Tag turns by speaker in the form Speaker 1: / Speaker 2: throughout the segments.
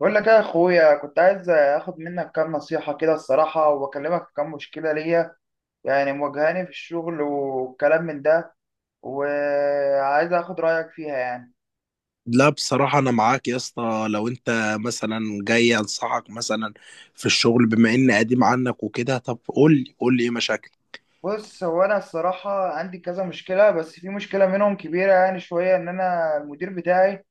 Speaker 1: بقول لك يا اخويا، كنت عايز اخد منك كام نصيحة كده الصراحة، واكلمك في كام مشكلة ليا مواجهاني في الشغل والكلام من ده. وعايز اخد رأيك فيها
Speaker 2: لا، بصراحة أنا معاك يا اسطى. لو أنت مثلا جاي أنصحك مثلا في الشغل بما إني قديم عنك وكده، طب قول لي إيه مشاكلك.
Speaker 1: بص، هو انا الصراحة عندي كذا مشكلة، بس في مشكلة منهم كبيرة يعني شوية، ان انا المدير بتاعي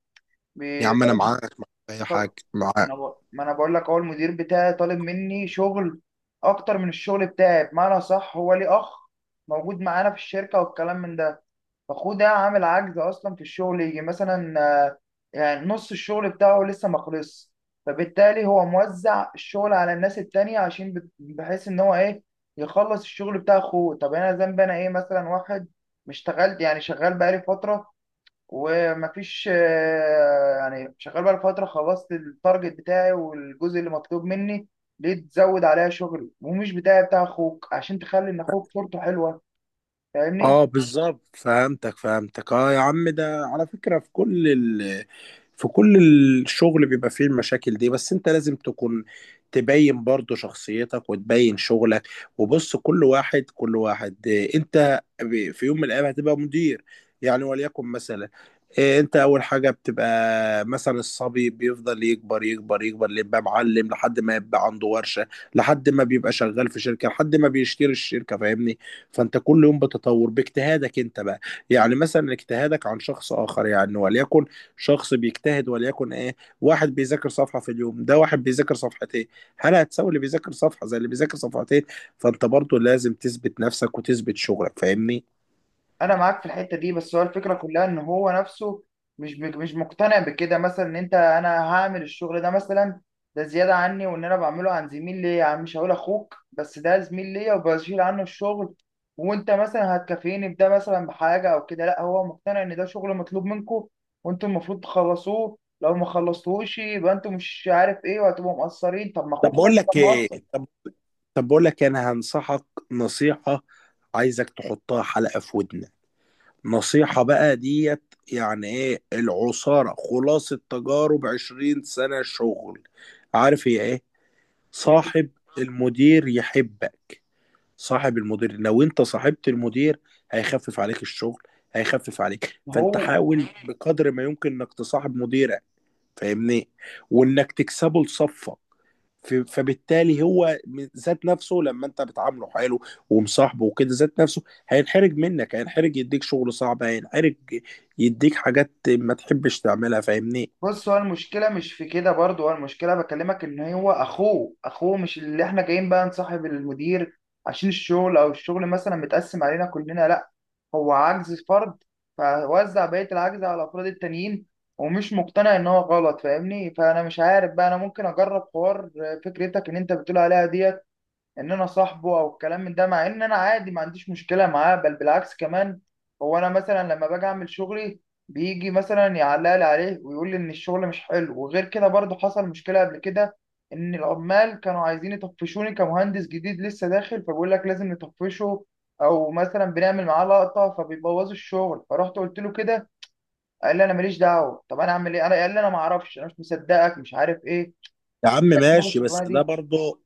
Speaker 2: يا عم أنا
Speaker 1: بيطالب.
Speaker 2: معاك، في أي
Speaker 1: طب-
Speaker 2: حاجة معاك.
Speaker 1: ما أنا بقول لك، هو المدير بتاعي طالب مني شغل اكتر من الشغل بتاعي. بمعنى صح، هو ليه اخ موجود معانا في الشركة والكلام من ده، فاخوه ده عامل عجز اصلا في الشغل، يجي مثلا آه، يعني نص الشغل بتاعه لسه ما خلصش، فبالتالي هو موزع الشغل على الناس التانية عشان بحيث ان هو ايه، يخلص الشغل بتاع اخوه. طب انا ذنبي انا ايه؟ مثلا واحد مش اشتغلت؟ يعني شغال بقالي فترة، ومفيش يعني شغال بقالي فترة، خلصت التارجت بتاعي والجزء اللي مطلوب مني. ليه تزود عليا شغل ومش بتاعي، بتاع اخوك، عشان تخلي ان اخوك صورته حلوة؟ فاهمني.
Speaker 2: اه بالظبط، فهمتك اه. يا عم ده على فكرة في في كل الشغل بيبقى فيه المشاكل دي، بس انت لازم تكون تبين برضو شخصيتك وتبين شغلك. وبص، كل واحد انت في يوم من الايام هتبقى مدير يعني، وليكن مثلا اه، انت اول حاجة بتبقى مثلا الصبي، بيفضل يكبر اللي يبقى معلم، لحد ما يبقى عنده ورشة، لحد ما بيبقى شغال في شركة، لحد ما بيشتري الشركة. فاهمني؟ فانت كل يوم بتتطور باجتهادك انت بقى، يعني مثلا اجتهادك عن شخص اخر. يعني وليكن شخص بيجتهد، وليكن ايه، واحد بيذاكر صفحة في اليوم، ده واحد بيذاكر صفحتين. هل هتساوي اللي بيذاكر صفحة زي اللي بيذاكر صفحتين؟ فانت برضو لازم تثبت نفسك وتثبت شغلك. فاهمني؟
Speaker 1: انا معاك في الحته دي، بس هو الفكره كلها ان هو نفسه مش مقتنع بكده. مثلا ان انت انا هعمل الشغل ده مثلا، ده زياده عني، وان انا بعمله عن زميل ليا، يعني مش هقول اخوك بس ده زميل ليا، وبشيل عنه الشغل، وانت مثلا هتكافئني بده مثلا بحاجه او كده. لا، هو مقتنع ان ده شغل مطلوب منكم، وانتوا المفروض تخلصوه، لو ما خلصتوهوش يبقى انتوا مش عارف ايه وهتبقوا مقصرين. طب ما
Speaker 2: طب
Speaker 1: اخوك هو
Speaker 2: بقول
Speaker 1: اللي
Speaker 2: لك
Speaker 1: كان
Speaker 2: ايه
Speaker 1: مقصر.
Speaker 2: طب طب بقول لك إيه، انا هنصحك نصيحة، عايزك تحطها حلقة في ودنك. نصيحة بقى ديت، يعني ايه؟ العصارة، خلاصة تجارب 20 سنة شغل. عارف هي ايه؟
Speaker 1: إيه؟
Speaker 2: صاحب المدير يحبك. صاحب المدير. لو انت صاحبت المدير هيخفف عليك الشغل، هيخفف عليك.
Speaker 1: ما
Speaker 2: فانت
Speaker 1: هو
Speaker 2: حاول بقدر ما يمكن انك تصاحب مديرك. فاهمني؟ وانك تكسبه لصفك. فبالتالي هو ذات نفسه لما انت بتعامله حلو ومصاحبه وكده، ذات نفسه هينحرج منك، هينحرج يديك شغل صعب، هينحرج يديك حاجات ما تحبش تعملها. فاهمني؟
Speaker 1: بص، هو المشكلة مش في كده برضه، هو المشكلة بكلمك إن هو أخوه. مش اللي إحنا جايين بقى نصاحب المدير عشان الشغل، أو الشغل مثلا متقسم علينا كلنا، لأ، هو عجز فرد فوزع بقية العجز على الأفراد التانيين، ومش مقتنع إن هو غلط. فاهمني؟ فأنا مش عارف بقى أنا ممكن أجرب حوار فكرتك إن أنت بتقول عليها ديت، ان انا صاحبه او الكلام من ده، مع ان انا عادي ما عنديش مشكله معاه، بل بالعكس كمان. هو انا مثلا لما باجي اعمل شغلي، بيجي مثلا يعلق لي عليه ويقول لي ان الشغل مش حلو. وغير كده برضه حصل مشكله قبل كده، ان العمال كانوا عايزين يطفشوني كمهندس جديد لسه داخل، فبيقول لك لازم نطفشه، او مثلا بنعمل معاه لقطه فبيبوظوا الشغل. فرحت قلت له كده، قال لي انا ماليش دعوه. طب انا اعمل ايه؟ انا قال لي انا ما اعرفش، انا مش مصدقك، مش عارف ايه،
Speaker 2: يا عم
Speaker 1: أول
Speaker 2: ماشي، بس
Speaker 1: الشغلانه
Speaker 2: ده
Speaker 1: دي.
Speaker 2: برضه،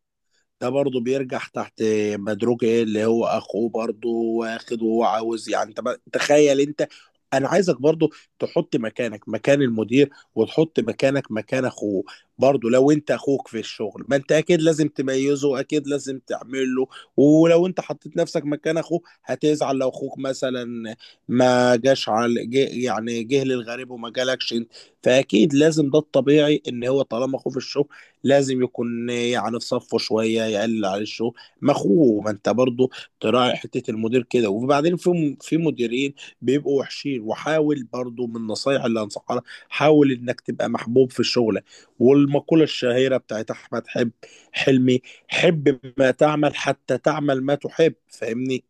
Speaker 2: ده برضه بيرجع تحت. مدروك ايه اللي هو اخوه برضه واخد وهو عاوز. يعني انت تخيل انت، انا عايزك برضه تحط مكانك مكان المدير، وتحط مكانك مكان اخوه. برضه لو انت اخوك في الشغل، ما انت اكيد لازم تميزه، اكيد لازم تعمل له. ولو انت حطيت نفسك مكان اخوه هتزعل لو اخوك مثلا ما جاش على جه، يعني جه للغريب وما جالكش انت. فاكيد لازم، ده الطبيعي ان هو طالما اخوه في الشغل لازم يكون يعني في صفه شويه، يقلل عليه الشغل. ما اخوه. ما انت برضه تراعي حته المدير كده. وبعدين في مديرين بيبقوا وحشين. وحاول برضه، من النصايح اللي انصحها لك، حاول انك تبقى محبوب في شغلك. والمقوله الشهيره بتاعت احمد حب حلمي، حب ما تعمل حتى تعمل ما تحب. فاهمني؟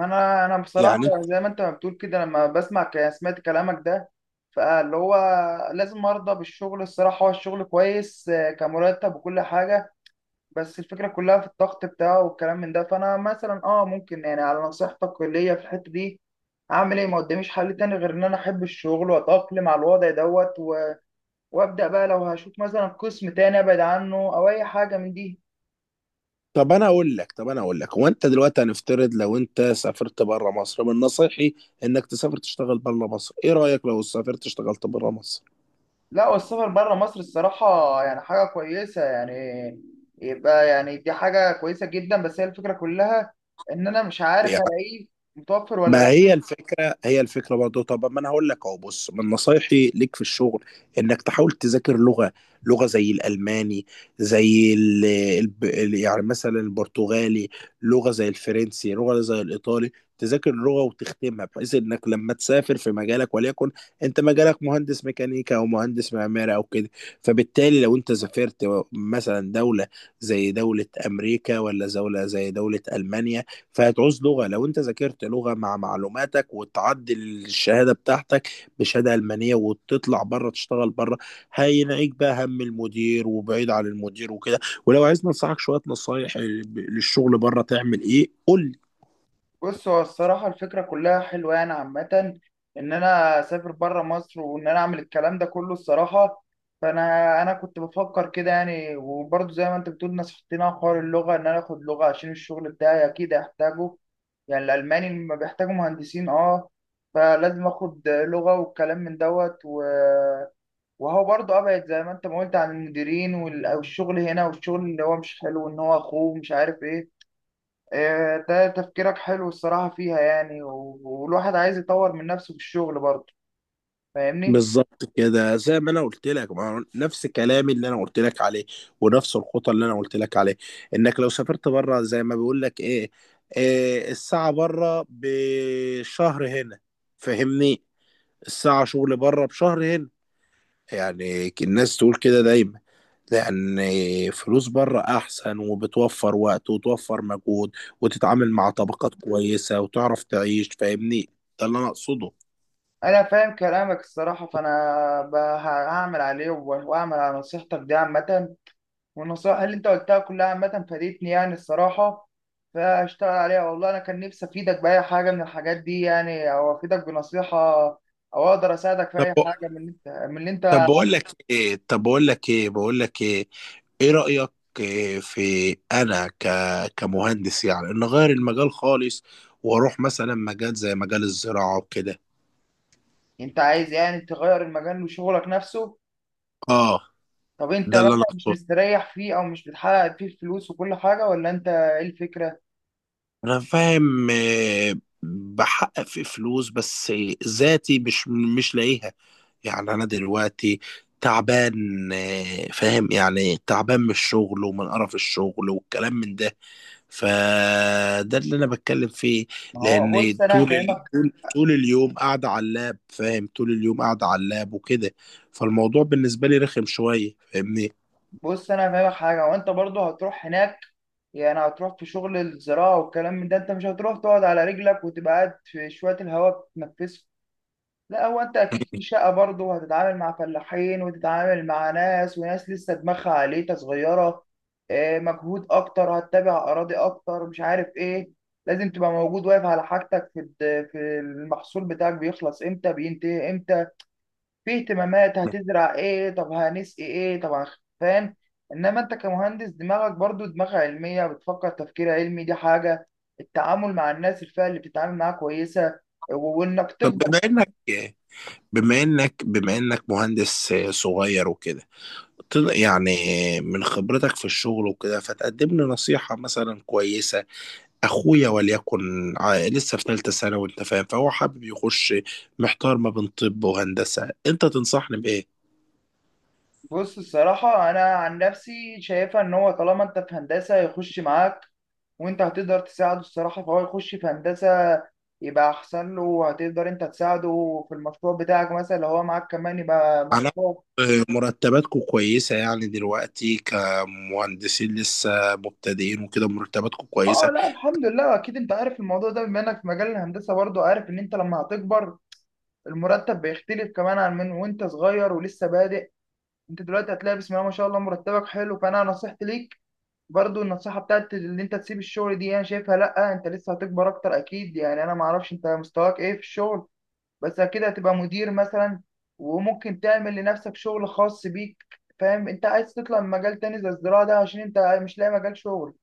Speaker 1: انا بصراحه
Speaker 2: يعني.
Speaker 1: زي ما انت ما بتقول كده، لما بسمع سمعت كلامك ده، فاللي هو لازم ارضى بالشغل. الصراحه هو الشغل كويس كمرتب وكل حاجه، بس الفكره كلها في الضغط بتاعه والكلام من ده. فانا مثلا اه ممكن يعني على نصيحتك ليا في الحته دي اعمل ايه؟ ما قداميش حل تاني غير ان انا احب الشغل واتاقلم على الوضع دوت وابدا بقى لو هشوف مثلا قسم تاني ابعد عنه، او اي حاجه من دي.
Speaker 2: طب انا اقول لك طب انا اقول لك، هو انت دلوقتي هنفترض لو انت سافرت بره مصر، من نصيحي انك تسافر تشتغل بره مصر. ايه رايك لو سافرت اشتغلت بره مصر؟
Speaker 1: لا، والسفر بره مصر الصراحة يعني حاجة كويسة يعني، يبقى يعني دي حاجة كويسة جدا، بس هي الفكرة كلها إن أنا مش عارف
Speaker 2: يعني
Speaker 1: هلاقيه متوفر ولا.
Speaker 2: ما هي الفكرة، هي الفكرة برضه. طب ما انا هقول لك اهو، بص، من نصايحي ليك في الشغل انك تحاول تذاكر لغة. لغة زي الألماني، زي يعني مثلا البرتغالي، لغة زي الفرنسي، لغة زي الإيطالي. تذاكر اللغة وتختمها، بحيث انك لما تسافر في مجالك. وليكن انت مجالك مهندس ميكانيكا او مهندس معماري او كده، فبالتالي لو انت سافرت مثلا دولة زي دولة امريكا ولا دولة زي دولة ألمانيا، فهتعوز لغة. لو انت ذاكرت لغة مع معلوماتك، وتعدل الشهادة بتاعتك بشهادة ألمانية، وتطلع بره تشتغل بره، هينعيك بقى هم المدير، وبعيد عن المدير وكده. ولو عايز ننصحك شوية نصايح للشغل بره تعمل ايه، قول لي.
Speaker 1: بص، هو الصراحة الفكرة كلها حلوة يعني عامة، إن أنا أسافر برا مصر وإن أنا أعمل الكلام ده كله الصراحة. فأنا كنت بفكر كده يعني، وبرضه زي ما أنت بتقول نصحتني على حوار اللغة، إن أنا آخد لغة عشان الشغل بتاعي أكيد هحتاجه. يعني الألماني لما بيحتاجوا مهندسين أه، فلازم آخد لغة والكلام من دوت و... وهو برضه أبعد زي ما أنت ما قلت عن المديرين والشغل هنا، والشغل اللي هو مش حلو إن هو أخوه مش عارف إيه. ده تفكيرك حلو الصراحة فيها يعني، والواحد عايز يطور من نفسه في الشغل برضه. فاهمني؟
Speaker 2: بالظبط كده، زي ما انا قلت لك. ما هو نفس كلامي اللي انا قلت لك عليه، ونفس الخطة اللي انا قلت لك عليه، انك لو سافرت بره. زي ما بيقول لك ايه، إيه، الساعة بره بشهر هنا. فاهمني؟ الساعة شغل بره بشهر هنا، يعني الناس تقول كده دايما، لأن فلوس بره أحسن، وبتوفر وقت وتوفر مجهود، وتتعامل مع طبقات كويسة، وتعرف تعيش. فاهمني؟ ده اللي أنا أقصده.
Speaker 1: أنا فاهم كلامك الصراحة، فأنا هعمل عليه، وأعمل على نصيحتك دي عامة، والنصائح اللي أنت قلتها كلها عامة فادتني يعني الصراحة. فأشتغل عليها. والله أنا كان نفسي أفيدك بأي حاجة من الحاجات دي يعني، أو أفيدك بنصيحة، أو أقدر أساعدك في أي
Speaker 2: طب
Speaker 1: حاجة من اللي أنت
Speaker 2: طب بقول لك إيه طب بقول لك إيه بقول لك إيه إيه رأيك إيه في أنا كمهندس يعني، إن أغير المجال خالص وأروح مثلا مجال زي مجال الزراعة وكده.
Speaker 1: أنت عايز يعني تغير المجال وشغلك نفسه؟
Speaker 2: آه،
Speaker 1: طب انت
Speaker 2: ده اللي أنا
Speaker 1: مثلا مش
Speaker 2: أقصده.
Speaker 1: مستريح فيه، او مش بتحقق فيه الفلوس وكل حاجه، ولا انت ايه الفكره؟
Speaker 2: انا فاهم بحقق في فلوس، بس ذاتي مش لاقيها. يعني انا دلوقتي تعبان. فاهم يعني، تعبان من الشغل ومن قرف الشغل والكلام من ده. فده اللي انا بتكلم فيه.
Speaker 1: ما هو بص
Speaker 2: لان
Speaker 1: انا هفهمك.
Speaker 2: طول اليوم قاعده على اللاب. فاهم؟ طول اليوم قاعده على اللاب وكده، فالموضوع بالنسبه لي رخم شويه. فاهمني؟
Speaker 1: بص انا هفهمك حاجه، وانت برضه هتروح هناك يعني، هتروح في شغل الزراعه والكلام من ده، انت مش هتروح تقعد على رجلك وتبقى قاعد في شويه الهواء تتنفسه. لا، هو انت اكيد في شقه برضه، وهتتعامل مع فلاحين، وتتعامل مع ناس، وناس لسه دماغها عليتها صغيره. مجهود اكتر، هتتابع اراضي اكتر، مش عارف ايه. لازم تبقى موجود واقف على حاجتك في في المحصول بتاعك، بيخلص امتى، بينتهي امتى، في اهتمامات هتزرع ايه، طب هنسقي ايه، طب فاهم؟ انما انت كمهندس دماغك برضه دماغ علميه، بتفكر تفكير علمي، دي حاجه. التعامل مع الناس، الفئه اللي بتتعامل معاها كويسه، وانك
Speaker 2: طب
Speaker 1: تكبر.
Speaker 2: بما انك مهندس صغير وكده، يعني من خبرتك في الشغل وكده فتقدم لي نصيحة مثلا كويسة. أخويا، وليكن لسه في ثالثة ثانوي، أنت فاهم، فهو حابب يخش، محتار ما بين طب وهندسة. أنت تنصحني بإيه؟
Speaker 1: بص الصراحة أنا عن نفسي شايفها إن هو طالما أنت في هندسة يخش معاك، وأنت هتقدر تساعده الصراحة. فهو يخش في هندسة يبقى أحسن له، وهتقدر أنت تساعده في المشروع بتاعك مثلا، لو هو معاك كمان يبقى
Speaker 2: أنا
Speaker 1: مشروع.
Speaker 2: مرتباتكم كويسة يعني دلوقتي كمهندسين لسه مبتدئين وكده؟ مرتباتكم
Speaker 1: آه،
Speaker 2: كويسة.
Speaker 1: لا الحمد لله. أكيد أنت عارف الموضوع ده بما إنك في مجال الهندسة برضه، عارف إن أنت لما هتكبر المرتب بيختلف كمان عن من وأنت صغير ولسه بادئ. أنت دلوقتي هتلاقي بسم الله ما شاء الله مرتبك حلو. فأنا نصيحتي ليك برضو، النصيحة بتاعت اللي انت تسيب الشغل دي، انا شايفها لا، انت لسه هتكبر اكتر اكيد. يعني انا معرفش انت مستواك ايه في الشغل، بس اكيد هتبقى مدير مثلا، وممكن تعمل لنفسك شغل خاص بيك. فاهم؟ انت عايز تطلع من مجال تاني زي الزراعة ده عشان انت مش لاقي مجال شغل،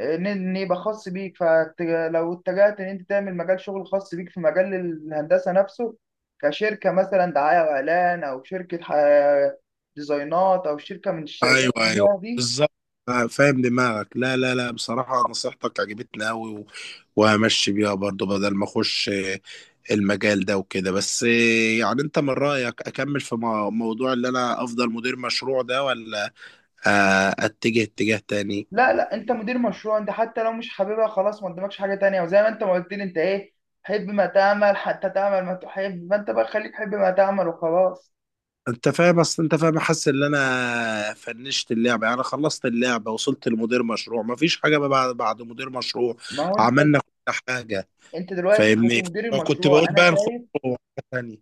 Speaker 1: ان يبقى خاص بيك. فلو اتجهت ان انت تعمل مجال شغل خاص بيك في مجال الهندسة نفسه، كشركة مثلا دعاية واعلان، او شركة ديزاينات، او شركة من
Speaker 2: أيوه
Speaker 1: الشركات اللي
Speaker 2: أيوه،
Speaker 1: هي دي.
Speaker 2: بالظبط. فاهم دماغك. لا لا لا، بصراحة نصيحتك عجبتني أوي، وهمشي بيها برضو بدل ما أخش المجال ده وكده. بس يعني انت من رأيك اكمل في موضوع اللي انا افضل مدير مشروع ده، ولا اتجه اتجاه تاني؟
Speaker 1: لا لا، انت مدير مشروع، انت حتى لو مش حاببها خلاص، ما قدامكش حاجه تانية. وزي ما انت ما قلت لي انت ايه، حب ما تعمل حتى تعمل ما تحب، ما انت بقى خليك حب ما تعمل وخلاص.
Speaker 2: انت فاهم، اصل انت فاهم، حاسس ان انا فنشت اللعبه، يعني خلصت اللعبه، وصلت لمدير مشروع، مفيش حاجه بقى بعد مدير مشروع.
Speaker 1: ما هو انت،
Speaker 2: عملنا كل حاجه.
Speaker 1: انت دلوقتي كنت
Speaker 2: فاهمني؟
Speaker 1: مدير
Speaker 2: وكنت
Speaker 1: المشروع
Speaker 2: بقول
Speaker 1: انا
Speaker 2: بقى نخش
Speaker 1: شايف.
Speaker 2: في حاجه تانيه.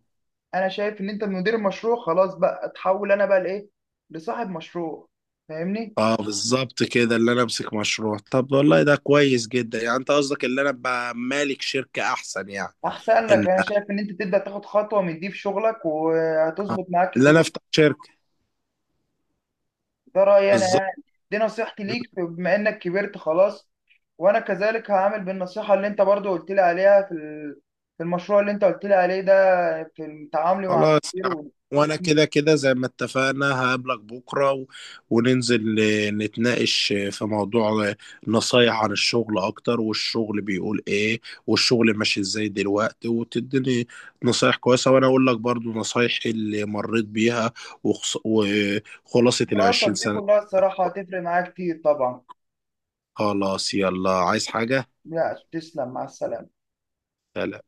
Speaker 1: انا شايف ان انت مدير المشروع خلاص، بقى اتحول انا بقى لايه، لصاحب مشروع. فاهمني؟
Speaker 2: اه بالظبط كده، اللي انا امسك مشروع. طب والله ده كويس جدا. يعني انت قصدك اللي انا ابقى مالك شركه احسن، يعني
Speaker 1: احسن لك.
Speaker 2: ان
Speaker 1: انا شايف ان انت تبدا تاخد خطوه من دي في شغلك، وهتظبط معاك
Speaker 2: اللي انا
Speaker 1: كتير.
Speaker 2: افتح شركه.
Speaker 1: ده رأيي أنا
Speaker 2: بالظبط.
Speaker 1: يعني، دي نصيحتي ليك بما إنك كبرت خلاص. وأنا كذلك هعمل بالنصيحة اللي أنت برضو قلت لي عليها في في المشروع اللي أنت قلت لي عليه ده، في تعاملي مع
Speaker 2: خلاص
Speaker 1: المدير
Speaker 2: يعني، وانا كده كده زي ما اتفقنا هقابلك بكره وننزل نتناقش في موضوع، نصايح عن الشغل اكتر، والشغل بيقول ايه، والشغل ماشي ازاي دلوقتي، وتديني نصايح كويسه، وانا اقول لك برضو نصايح اللي مريت بيها وخلاصه
Speaker 1: خبراتك
Speaker 2: العشرين
Speaker 1: دي
Speaker 2: سنه
Speaker 1: كلها الصراحة هتفرق معايا كتير طبعا.
Speaker 2: خلاص، يلا، عايز حاجه؟
Speaker 1: لا، تسلم، مع السلامة.
Speaker 2: سلام.